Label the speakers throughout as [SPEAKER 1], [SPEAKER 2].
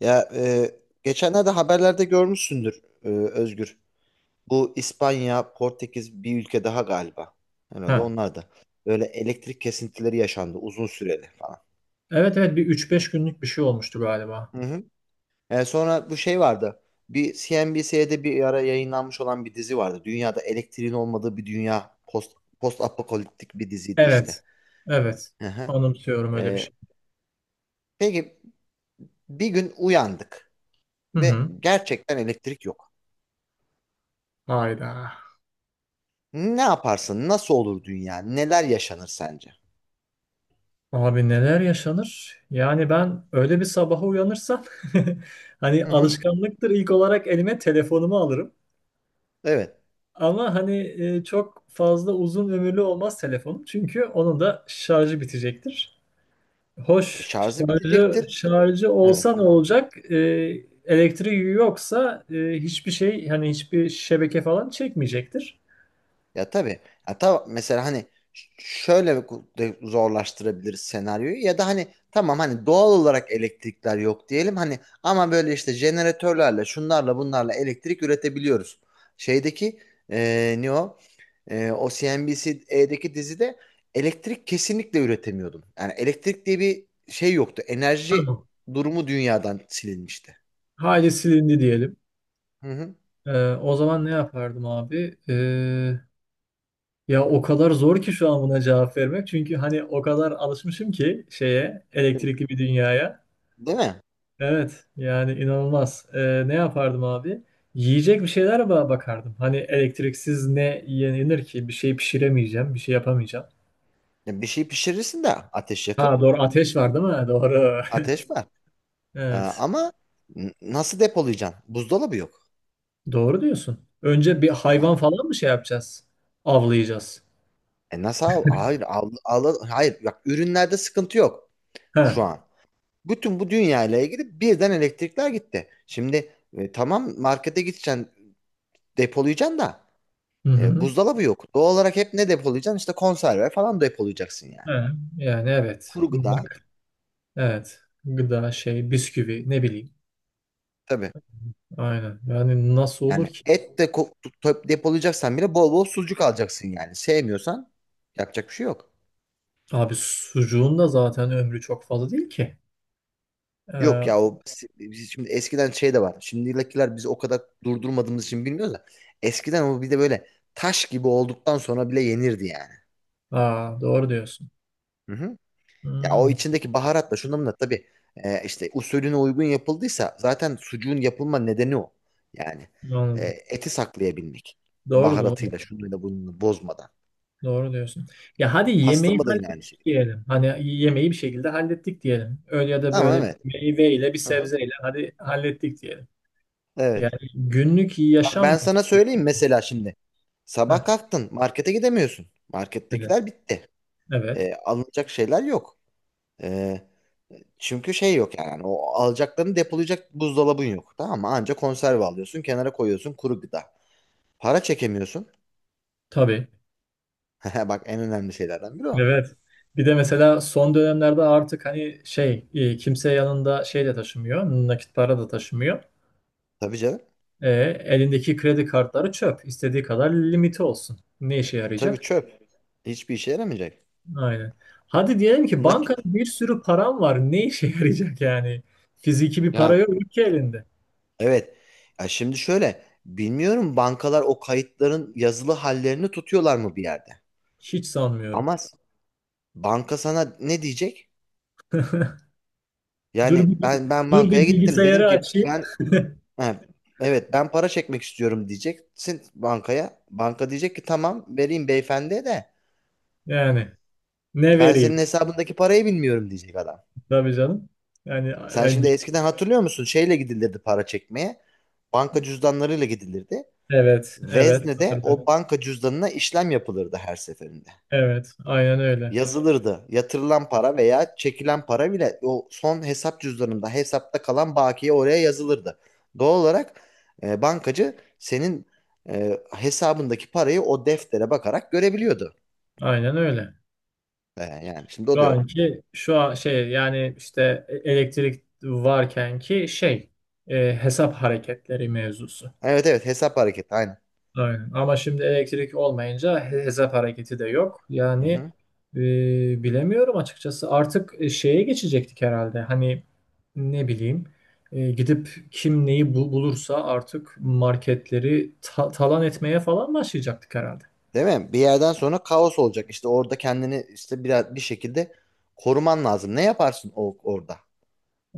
[SPEAKER 1] Ya, geçenlerde haberlerde görmüşsündür, Özgür. Bu İspanya, Portekiz bir ülke daha galiba. Herhalde
[SPEAKER 2] Ha.
[SPEAKER 1] onlar da. Böyle elektrik kesintileri yaşandı uzun süreli falan.
[SPEAKER 2] Evet evet bir üç beş günlük bir şey olmuştu galiba.
[SPEAKER 1] Hı hı. Sonra bu şey vardı. Bir CNBC'de bir ara yayınlanmış olan bir dizi vardı. Dünyada elektriğin olmadığı bir dünya. Post apokaliptik bir diziydi işte.
[SPEAKER 2] Evet. Evet.
[SPEAKER 1] Hı hı.
[SPEAKER 2] Anımsıyorum öyle bir
[SPEAKER 1] E,
[SPEAKER 2] şey.
[SPEAKER 1] peki bir gün uyandık
[SPEAKER 2] Hı
[SPEAKER 1] ve
[SPEAKER 2] hı.
[SPEAKER 1] gerçekten elektrik yok.
[SPEAKER 2] Hayda.
[SPEAKER 1] Ne yaparsın? Nasıl olur dünya? Neler yaşanır sence?
[SPEAKER 2] Abi neler yaşanır? Yani ben öyle bir sabaha uyanırsam hani
[SPEAKER 1] Hı hı.
[SPEAKER 2] alışkanlıktır ilk olarak elime telefonumu alırım.
[SPEAKER 1] Evet.
[SPEAKER 2] Ama hani çok fazla uzun ömürlü olmaz telefonum. Çünkü onun da şarjı bitecektir.
[SPEAKER 1] E,
[SPEAKER 2] Hoş
[SPEAKER 1] şarjı
[SPEAKER 2] şarjı
[SPEAKER 1] bitecektir.
[SPEAKER 2] şarjı
[SPEAKER 1] Evet.
[SPEAKER 2] olsa ne olacak? Elektriği yoksa hiçbir şey hani hiçbir şebeke falan çekmeyecektir.
[SPEAKER 1] Ya tabii. Ya, mesela hani şöyle de zorlaştırabiliriz senaryoyu ya da hani tamam hani doğal olarak elektrikler yok diyelim hani ama böyle işte jeneratörlerle şunlarla bunlarla elektrik üretebiliyoruz. Şeydeki ne o? O CNBC'deki dizide elektrik kesinlikle üretemiyordun. Yani elektrik diye bir şey yoktu. Enerji
[SPEAKER 2] Tamam.
[SPEAKER 1] durumu dünyadan silinmişti.
[SPEAKER 2] Hali silindi diyelim.
[SPEAKER 1] Hı hı.
[SPEAKER 2] O zaman ne yapardım abi? Ya o kadar zor ki şu an buna cevap vermek. Çünkü hani o kadar alışmışım ki şeye, elektrikli bir dünyaya.
[SPEAKER 1] Değil mi?
[SPEAKER 2] Evet yani inanılmaz. Ne yapardım abi? Yiyecek bir şeyler bakardım. Hani elektriksiz ne yenir ki? Bir şey pişiremeyeceğim, bir şey yapamayacağım.
[SPEAKER 1] Ya bir şey pişirirsin de ateş
[SPEAKER 2] Ha
[SPEAKER 1] yakıp
[SPEAKER 2] doğru, ateş var değil mi? Doğru.
[SPEAKER 1] ateş var. Ee,
[SPEAKER 2] Evet.
[SPEAKER 1] ama nasıl depolayacaksın? Buzdolabı yok.
[SPEAKER 2] Doğru diyorsun. Önce bir hayvan
[SPEAKER 1] Yani,
[SPEAKER 2] falan mı şey yapacağız? Avlayacağız.
[SPEAKER 1] nasıl al? Hayır, hayır bak ürünlerde sıkıntı yok
[SPEAKER 2] He.
[SPEAKER 1] şu
[SPEAKER 2] Hı
[SPEAKER 1] an. Bütün bu dünyayla ilgili birden elektrikler gitti. Şimdi tamam markete gideceksin depolayacaksın da
[SPEAKER 2] hı.
[SPEAKER 1] buzdolabı yok. Doğal olarak hep ne depolayacaksın? İşte konserve falan depolayacaksın yani.
[SPEAKER 2] He. Yani evet.
[SPEAKER 1] Kuru gıda
[SPEAKER 2] Bak evet. Gıda şey, bisküvi, ne bileyim.
[SPEAKER 1] tabii.
[SPEAKER 2] Aynen. Yani nasıl olur
[SPEAKER 1] Yani
[SPEAKER 2] ki?
[SPEAKER 1] et de depolayacaksan bile bol bol sucuk alacaksın yani. Sevmiyorsan yapacak bir şey yok.
[SPEAKER 2] Abi sucuğun da zaten ömrü çok fazla değil ki.
[SPEAKER 1] Yok
[SPEAKER 2] Ee,
[SPEAKER 1] ya o biz şimdi eskiden şey de var. Şimdikiler biz o kadar durdurmadığımız için bilmiyoruz da. Eskiden o bir de böyle taş gibi olduktan sonra bile yenirdi yani.
[SPEAKER 2] aa, doğru diyorsun.
[SPEAKER 1] Hı hı.
[SPEAKER 2] Hı
[SPEAKER 1] Ya o
[SPEAKER 2] hı.
[SPEAKER 1] içindeki baharatla şundan da tabii işte usulüne uygun yapıldıysa zaten sucuğun yapılma nedeni o. Yani
[SPEAKER 2] Anladım.
[SPEAKER 1] eti saklayabilmek.
[SPEAKER 2] Doğru doğru.
[SPEAKER 1] Baharatıyla şunuyla bununla bozmadan.
[SPEAKER 2] Doğru diyorsun. Ya hadi yemeği
[SPEAKER 1] Pastırma da yine aynı şey.
[SPEAKER 2] hallettik diyelim. Hani yemeği bir şekilde hallettik diyelim. Öyle ya da
[SPEAKER 1] Ama
[SPEAKER 2] böyle bir
[SPEAKER 1] evet.
[SPEAKER 2] meyveyle, bir
[SPEAKER 1] Hı hı.
[SPEAKER 2] sebzeyle hadi hallettik diyelim. Yani
[SPEAKER 1] Evet.
[SPEAKER 2] günlük
[SPEAKER 1] Bak
[SPEAKER 2] yaşam
[SPEAKER 1] ben
[SPEAKER 2] nasıl?
[SPEAKER 1] sana söyleyeyim mesela şimdi.
[SPEAKER 2] Heh,
[SPEAKER 1] Sabah kalktın markete gidemiyorsun.
[SPEAKER 2] evet.
[SPEAKER 1] Markettekiler bitti.
[SPEAKER 2] Evet.
[SPEAKER 1] Alınacak şeyler yok. E, çünkü şey yok yani o alacaklarını depolayacak buzdolabın yok. Tamam mı? Anca konserve alıyorsun kenara koyuyorsun kuru gıda. Para çekemiyorsun.
[SPEAKER 2] Tabii.
[SPEAKER 1] Bak en önemli şeylerden biri o.
[SPEAKER 2] Evet. Bir de mesela son dönemlerde artık hani şey kimse yanında şey de taşımıyor. Nakit para da taşımıyor.
[SPEAKER 1] Tabii canım.
[SPEAKER 2] E, Elindeki kredi kartları çöp. İstediği kadar limiti olsun. Ne işe
[SPEAKER 1] Tabii
[SPEAKER 2] yarayacak?
[SPEAKER 1] çöp. Hiçbir işe yaramayacak.
[SPEAKER 2] Aynen. Hadi diyelim ki bankada
[SPEAKER 1] Nakit.
[SPEAKER 2] bir sürü param var. Ne işe yarayacak yani? Fiziki bir para
[SPEAKER 1] Ya
[SPEAKER 2] yok ki elinde.
[SPEAKER 1] evet. Ya şimdi şöyle bilmiyorum bankalar o kayıtların yazılı hallerini tutuyorlar mı bir yerde?
[SPEAKER 2] Hiç sanmıyorum.
[SPEAKER 1] Ama banka sana ne diyecek?
[SPEAKER 2] Dur
[SPEAKER 1] Yani
[SPEAKER 2] bir,
[SPEAKER 1] ben
[SPEAKER 2] Dur
[SPEAKER 1] bankaya
[SPEAKER 2] bir
[SPEAKER 1] gittim dedim
[SPEAKER 2] bilgisayarı
[SPEAKER 1] ki
[SPEAKER 2] açayım.
[SPEAKER 1] ben. Ha, evet ben para çekmek istiyorum diyeceksin bankaya. Banka diyecek ki tamam vereyim beyefendiye de
[SPEAKER 2] Yani ne
[SPEAKER 1] ben senin
[SPEAKER 2] vereyim?
[SPEAKER 1] hesabındaki parayı bilmiyorum diyecek adam.
[SPEAKER 2] Tabii canım. Yani,
[SPEAKER 1] Sen
[SPEAKER 2] yani
[SPEAKER 1] şimdi
[SPEAKER 2] bil-
[SPEAKER 1] eskiden hatırlıyor musun? Şeyle gidilirdi para çekmeye. Banka cüzdanlarıyla gidilirdi.
[SPEAKER 2] Evet, evet
[SPEAKER 1] Vezne'de o
[SPEAKER 2] hatırlıyorum.
[SPEAKER 1] banka cüzdanına işlem yapılırdı her seferinde.
[SPEAKER 2] Evet, aynen öyle.
[SPEAKER 1] Yazılırdı. Yatırılan para veya çekilen para bile o son hesap cüzdanında hesapta kalan bakiye oraya yazılırdı. Doğal olarak bankacı senin hesabındaki parayı o deftere bakarak görebiliyordu.
[SPEAKER 2] Aynen öyle.
[SPEAKER 1] Yani şimdi o
[SPEAKER 2] Şu
[SPEAKER 1] da yok.
[SPEAKER 2] anki şu an şey yani işte elektrik varken ki şey, hesap hareketleri mevzusu.
[SPEAKER 1] Evet, evet, hesap hareketi aynen.
[SPEAKER 2] Aynen. Ama şimdi elektrik olmayınca hesap hareketi de yok.
[SPEAKER 1] Hı
[SPEAKER 2] Yani
[SPEAKER 1] hı.
[SPEAKER 2] e, bilemiyorum açıkçası. Artık şeye geçecektik herhalde. Hani ne bileyim, gidip kim neyi bulursa artık marketleri talan etmeye falan başlayacaktık herhalde.
[SPEAKER 1] Değil mi? Bir yerden sonra kaos olacak. İşte orada kendini işte biraz bir şekilde koruman lazım. Ne yaparsın o, orada?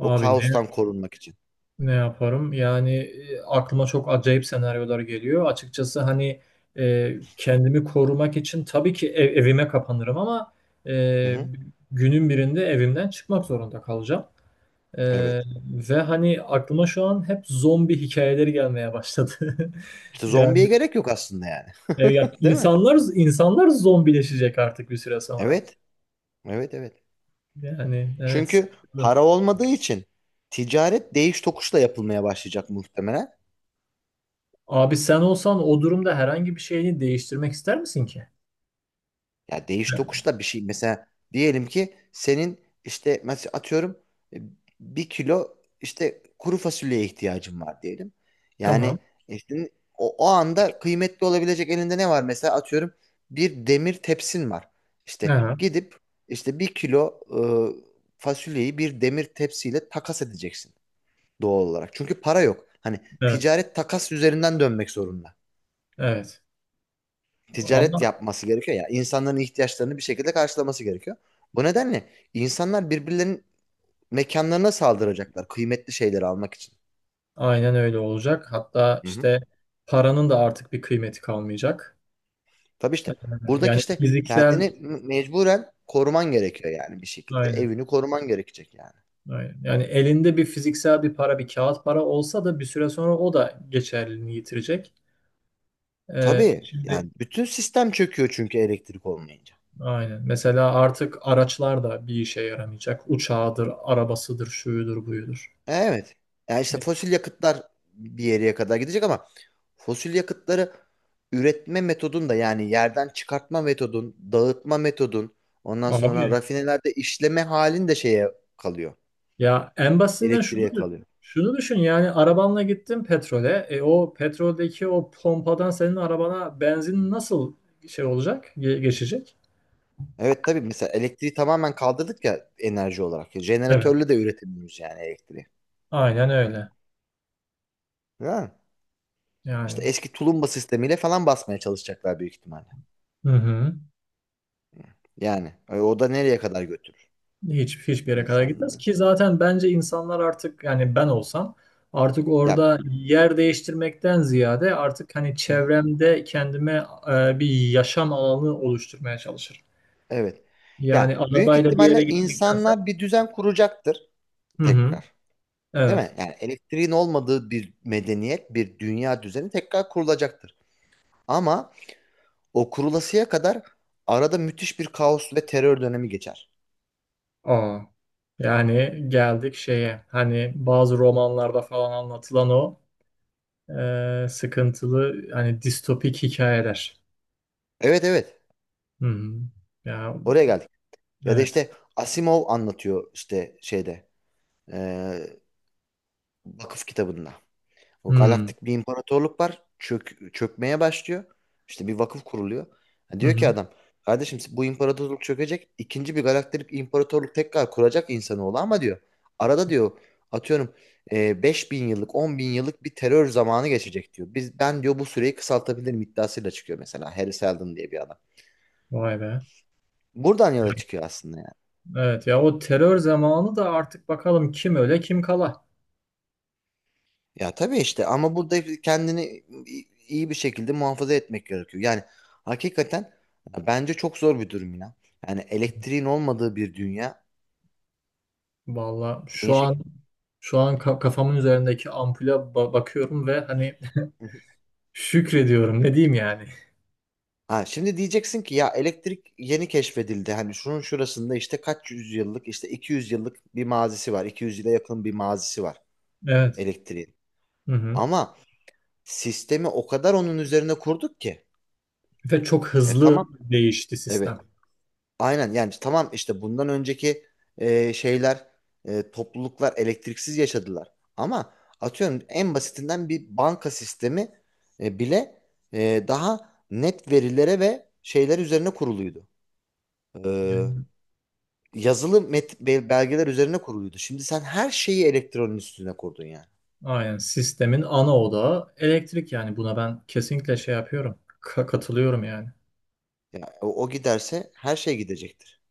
[SPEAKER 1] O kaostan korunmak için.
[SPEAKER 2] ne yaparım? Yani aklıma çok acayip senaryolar geliyor. Açıkçası hani kendimi korumak için tabii ki evime kapanırım ama e,
[SPEAKER 1] Hı hı.
[SPEAKER 2] günün birinde evimden çıkmak zorunda kalacağım. E,
[SPEAKER 1] Evet.
[SPEAKER 2] Ve hani aklıma şu an hep zombi hikayeleri gelmeye başladı.
[SPEAKER 1] İşte zombiye
[SPEAKER 2] Yani
[SPEAKER 1] gerek yok aslında yani.
[SPEAKER 2] ya
[SPEAKER 1] Değil mi?
[SPEAKER 2] insanlar zombileşecek artık bir süre sonra.
[SPEAKER 1] Evet. Evet, evet.
[SPEAKER 2] Yani evet.
[SPEAKER 1] Çünkü
[SPEAKER 2] Sıkıntı.
[SPEAKER 1] para olmadığı için ticaret değiş tokuşla yapılmaya başlayacak muhtemelen.
[SPEAKER 2] Abi sen olsan o durumda herhangi bir şeyi değiştirmek ister misin ki?
[SPEAKER 1] Ya değiş
[SPEAKER 2] Evet.
[SPEAKER 1] tokuşla bir şey, mesela diyelim ki senin işte mesela atıyorum e, bir kilo işte kuru fasulyeye ihtiyacın var diyelim. Yani
[SPEAKER 2] Tamam.
[SPEAKER 1] işte o anda kıymetli olabilecek elinde ne var, mesela atıyorum bir demir tepsin var. İşte
[SPEAKER 2] Aha.
[SPEAKER 1] gidip işte bir kilo fasulyeyi bir demir tepsiyle takas edeceksin, doğal olarak. Çünkü para yok. Hani
[SPEAKER 2] Evet,
[SPEAKER 1] ticaret takas üzerinden dönmek zorunda.
[SPEAKER 2] evet. Ama
[SPEAKER 1] Ticaret yapması gerekiyor ya. İnsanların ihtiyaçlarını bir şekilde karşılaması gerekiyor. Bu nedenle insanlar birbirlerinin mekanlarına saldıracaklar kıymetli şeyleri almak için.
[SPEAKER 2] aynen öyle olacak. Hatta
[SPEAKER 1] Hı hı.
[SPEAKER 2] işte paranın da artık bir kıymeti kalmayacak.
[SPEAKER 1] Tabii işte
[SPEAKER 2] Ee,
[SPEAKER 1] buradaki
[SPEAKER 2] Yani
[SPEAKER 1] işte
[SPEAKER 2] fiziksel,
[SPEAKER 1] kendini mecburen koruman gerekiyor yani bir şekilde.
[SPEAKER 2] aynen,
[SPEAKER 1] Evini koruman gerekecek yani.
[SPEAKER 2] aynen. Yani elinde bir fiziksel bir para, bir kağıt para olsa da bir süre sonra o da geçerliliğini yitirecek.
[SPEAKER 1] Tabii
[SPEAKER 2] Şimdi
[SPEAKER 1] yani bütün sistem çöküyor çünkü elektrik olmayınca.
[SPEAKER 2] aynen. Mesela artık araçlar da bir işe yaramayacak. Uçağıdır, arabasıdır, şuyudur, buyudur.
[SPEAKER 1] Evet. Yani işte fosil yakıtlar bir yere kadar gidecek ama fosil yakıtları üretme metodun da yani yerden çıkartma metodun, dağıtma metodun, ondan sonra
[SPEAKER 2] Abi,
[SPEAKER 1] rafinelerde işleme halin de şeye kalıyor.
[SPEAKER 2] ya en basitinden şunu
[SPEAKER 1] Elektriğe
[SPEAKER 2] düşün.
[SPEAKER 1] kalıyor.
[SPEAKER 2] Şunu düşün yani, arabanla gittin petrole. E, o petroldeki o pompadan senin arabana benzin nasıl şey olacak? Geçecek?
[SPEAKER 1] Evet, tabii, mesela elektriği tamamen kaldırdık ya, enerji olarak.
[SPEAKER 2] Evet.
[SPEAKER 1] Jeneratörle de üretemiyoruz yani elektriği.
[SPEAKER 2] Aynen öyle.
[SPEAKER 1] Ya. İşte
[SPEAKER 2] Yani
[SPEAKER 1] eski tulumba sistemiyle falan basmaya çalışacaklar büyük ihtimalle.
[SPEAKER 2] hı hı.
[SPEAKER 1] Yani o da nereye kadar götürür
[SPEAKER 2] Hiç, hiçbir yere kadar gitmez
[SPEAKER 1] insanları?
[SPEAKER 2] ki zaten. Bence insanlar artık, yani ben olsam artık
[SPEAKER 1] Ya.
[SPEAKER 2] orada yer değiştirmekten ziyade artık hani
[SPEAKER 1] Hı hı.
[SPEAKER 2] çevremde kendime bir yaşam alanı oluşturmaya çalışırım.
[SPEAKER 1] Evet.
[SPEAKER 2] Yani
[SPEAKER 1] Ya büyük
[SPEAKER 2] arabayla bir yere
[SPEAKER 1] ihtimalle
[SPEAKER 2] gitmektense.
[SPEAKER 1] insanlar bir düzen kuracaktır
[SPEAKER 2] Hı hı.
[SPEAKER 1] tekrar. Değil
[SPEAKER 2] Evet.
[SPEAKER 1] mi? Yani elektriğin olmadığı bir medeniyet, bir dünya düzeni tekrar kurulacaktır. Ama o kurulasıya kadar arada müthiş bir kaos ve terör dönemi geçer.
[SPEAKER 2] Aa, yani geldik şeye, hani bazı romanlarda falan anlatılan o sıkıntılı hani distopik hikayeler.
[SPEAKER 1] Evet, evet.
[SPEAKER 2] Hı hı. Ya
[SPEAKER 1] Oraya geldik. Ya da
[SPEAKER 2] evet.
[SPEAKER 1] işte Asimov anlatıyor işte şeyde, eee, vakıf kitabında.
[SPEAKER 2] Hı
[SPEAKER 1] O
[SPEAKER 2] hı.
[SPEAKER 1] galaktik bir imparatorluk var. Çökmeye başlıyor. İşte bir vakıf kuruluyor. Ha, diyor ki
[SPEAKER 2] Hı.
[SPEAKER 1] adam, kardeşim bu imparatorluk çökecek. İkinci bir galaktik imparatorluk tekrar kuracak insanoğlu ama diyor. Arada diyor atıyorum 5000 yıllık 10 bin yıllık bir terör zamanı geçecek diyor. Ben diyor bu süreyi kısaltabilirim iddiasıyla çıkıyor mesela. Harry Seldon diye bir adam.
[SPEAKER 2] Vay be.
[SPEAKER 1] Buradan yola çıkıyor aslında.
[SPEAKER 2] Evet ya, o terör zamanı da artık bakalım kim öle kim kala.
[SPEAKER 1] Ya tabii işte ama burada kendini iyi bir şekilde muhafaza etmek gerekiyor. Yani hakikaten bence çok zor bir durum ya. Yani elektriğin olmadığı bir dünya
[SPEAKER 2] Valla
[SPEAKER 1] neyin
[SPEAKER 2] şu an,
[SPEAKER 1] şekli?
[SPEAKER 2] şu an kafamın üzerindeki ampule bakıyorum ve hani
[SPEAKER 1] Hı hı.
[SPEAKER 2] şükrediyorum, ne diyeyim yani.
[SPEAKER 1] Ha, şimdi diyeceksin ki ya elektrik yeni keşfedildi. Hani şunun şurasında işte kaç yüzyıllık, işte 200 yıllık bir mazisi var. 200 yıla yakın bir mazisi var
[SPEAKER 2] Evet.
[SPEAKER 1] elektriğin.
[SPEAKER 2] Hı hı.
[SPEAKER 1] Ama sistemi o kadar onun üzerine kurduk ki.
[SPEAKER 2] Ve çok
[SPEAKER 1] E,
[SPEAKER 2] hızlı
[SPEAKER 1] tamam.
[SPEAKER 2] değişti sistem.
[SPEAKER 1] Evet. Aynen yani tamam işte bundan önceki şeyler topluluklar elektriksiz yaşadılar. Ama atıyorum en basitinden bir banka sistemi bile daha net verilere ve şeyler üzerine kuruluydu. E,
[SPEAKER 2] Yani,
[SPEAKER 1] yazılı belgeler üzerine kuruluydu. Şimdi sen her şeyi elektronun üstüne kurdun yani.
[SPEAKER 2] aynen sistemin ana odağı elektrik, yani buna ben kesinlikle şey yapıyorum. Katılıyorum yani.
[SPEAKER 1] Ya, o giderse her şey gidecektir.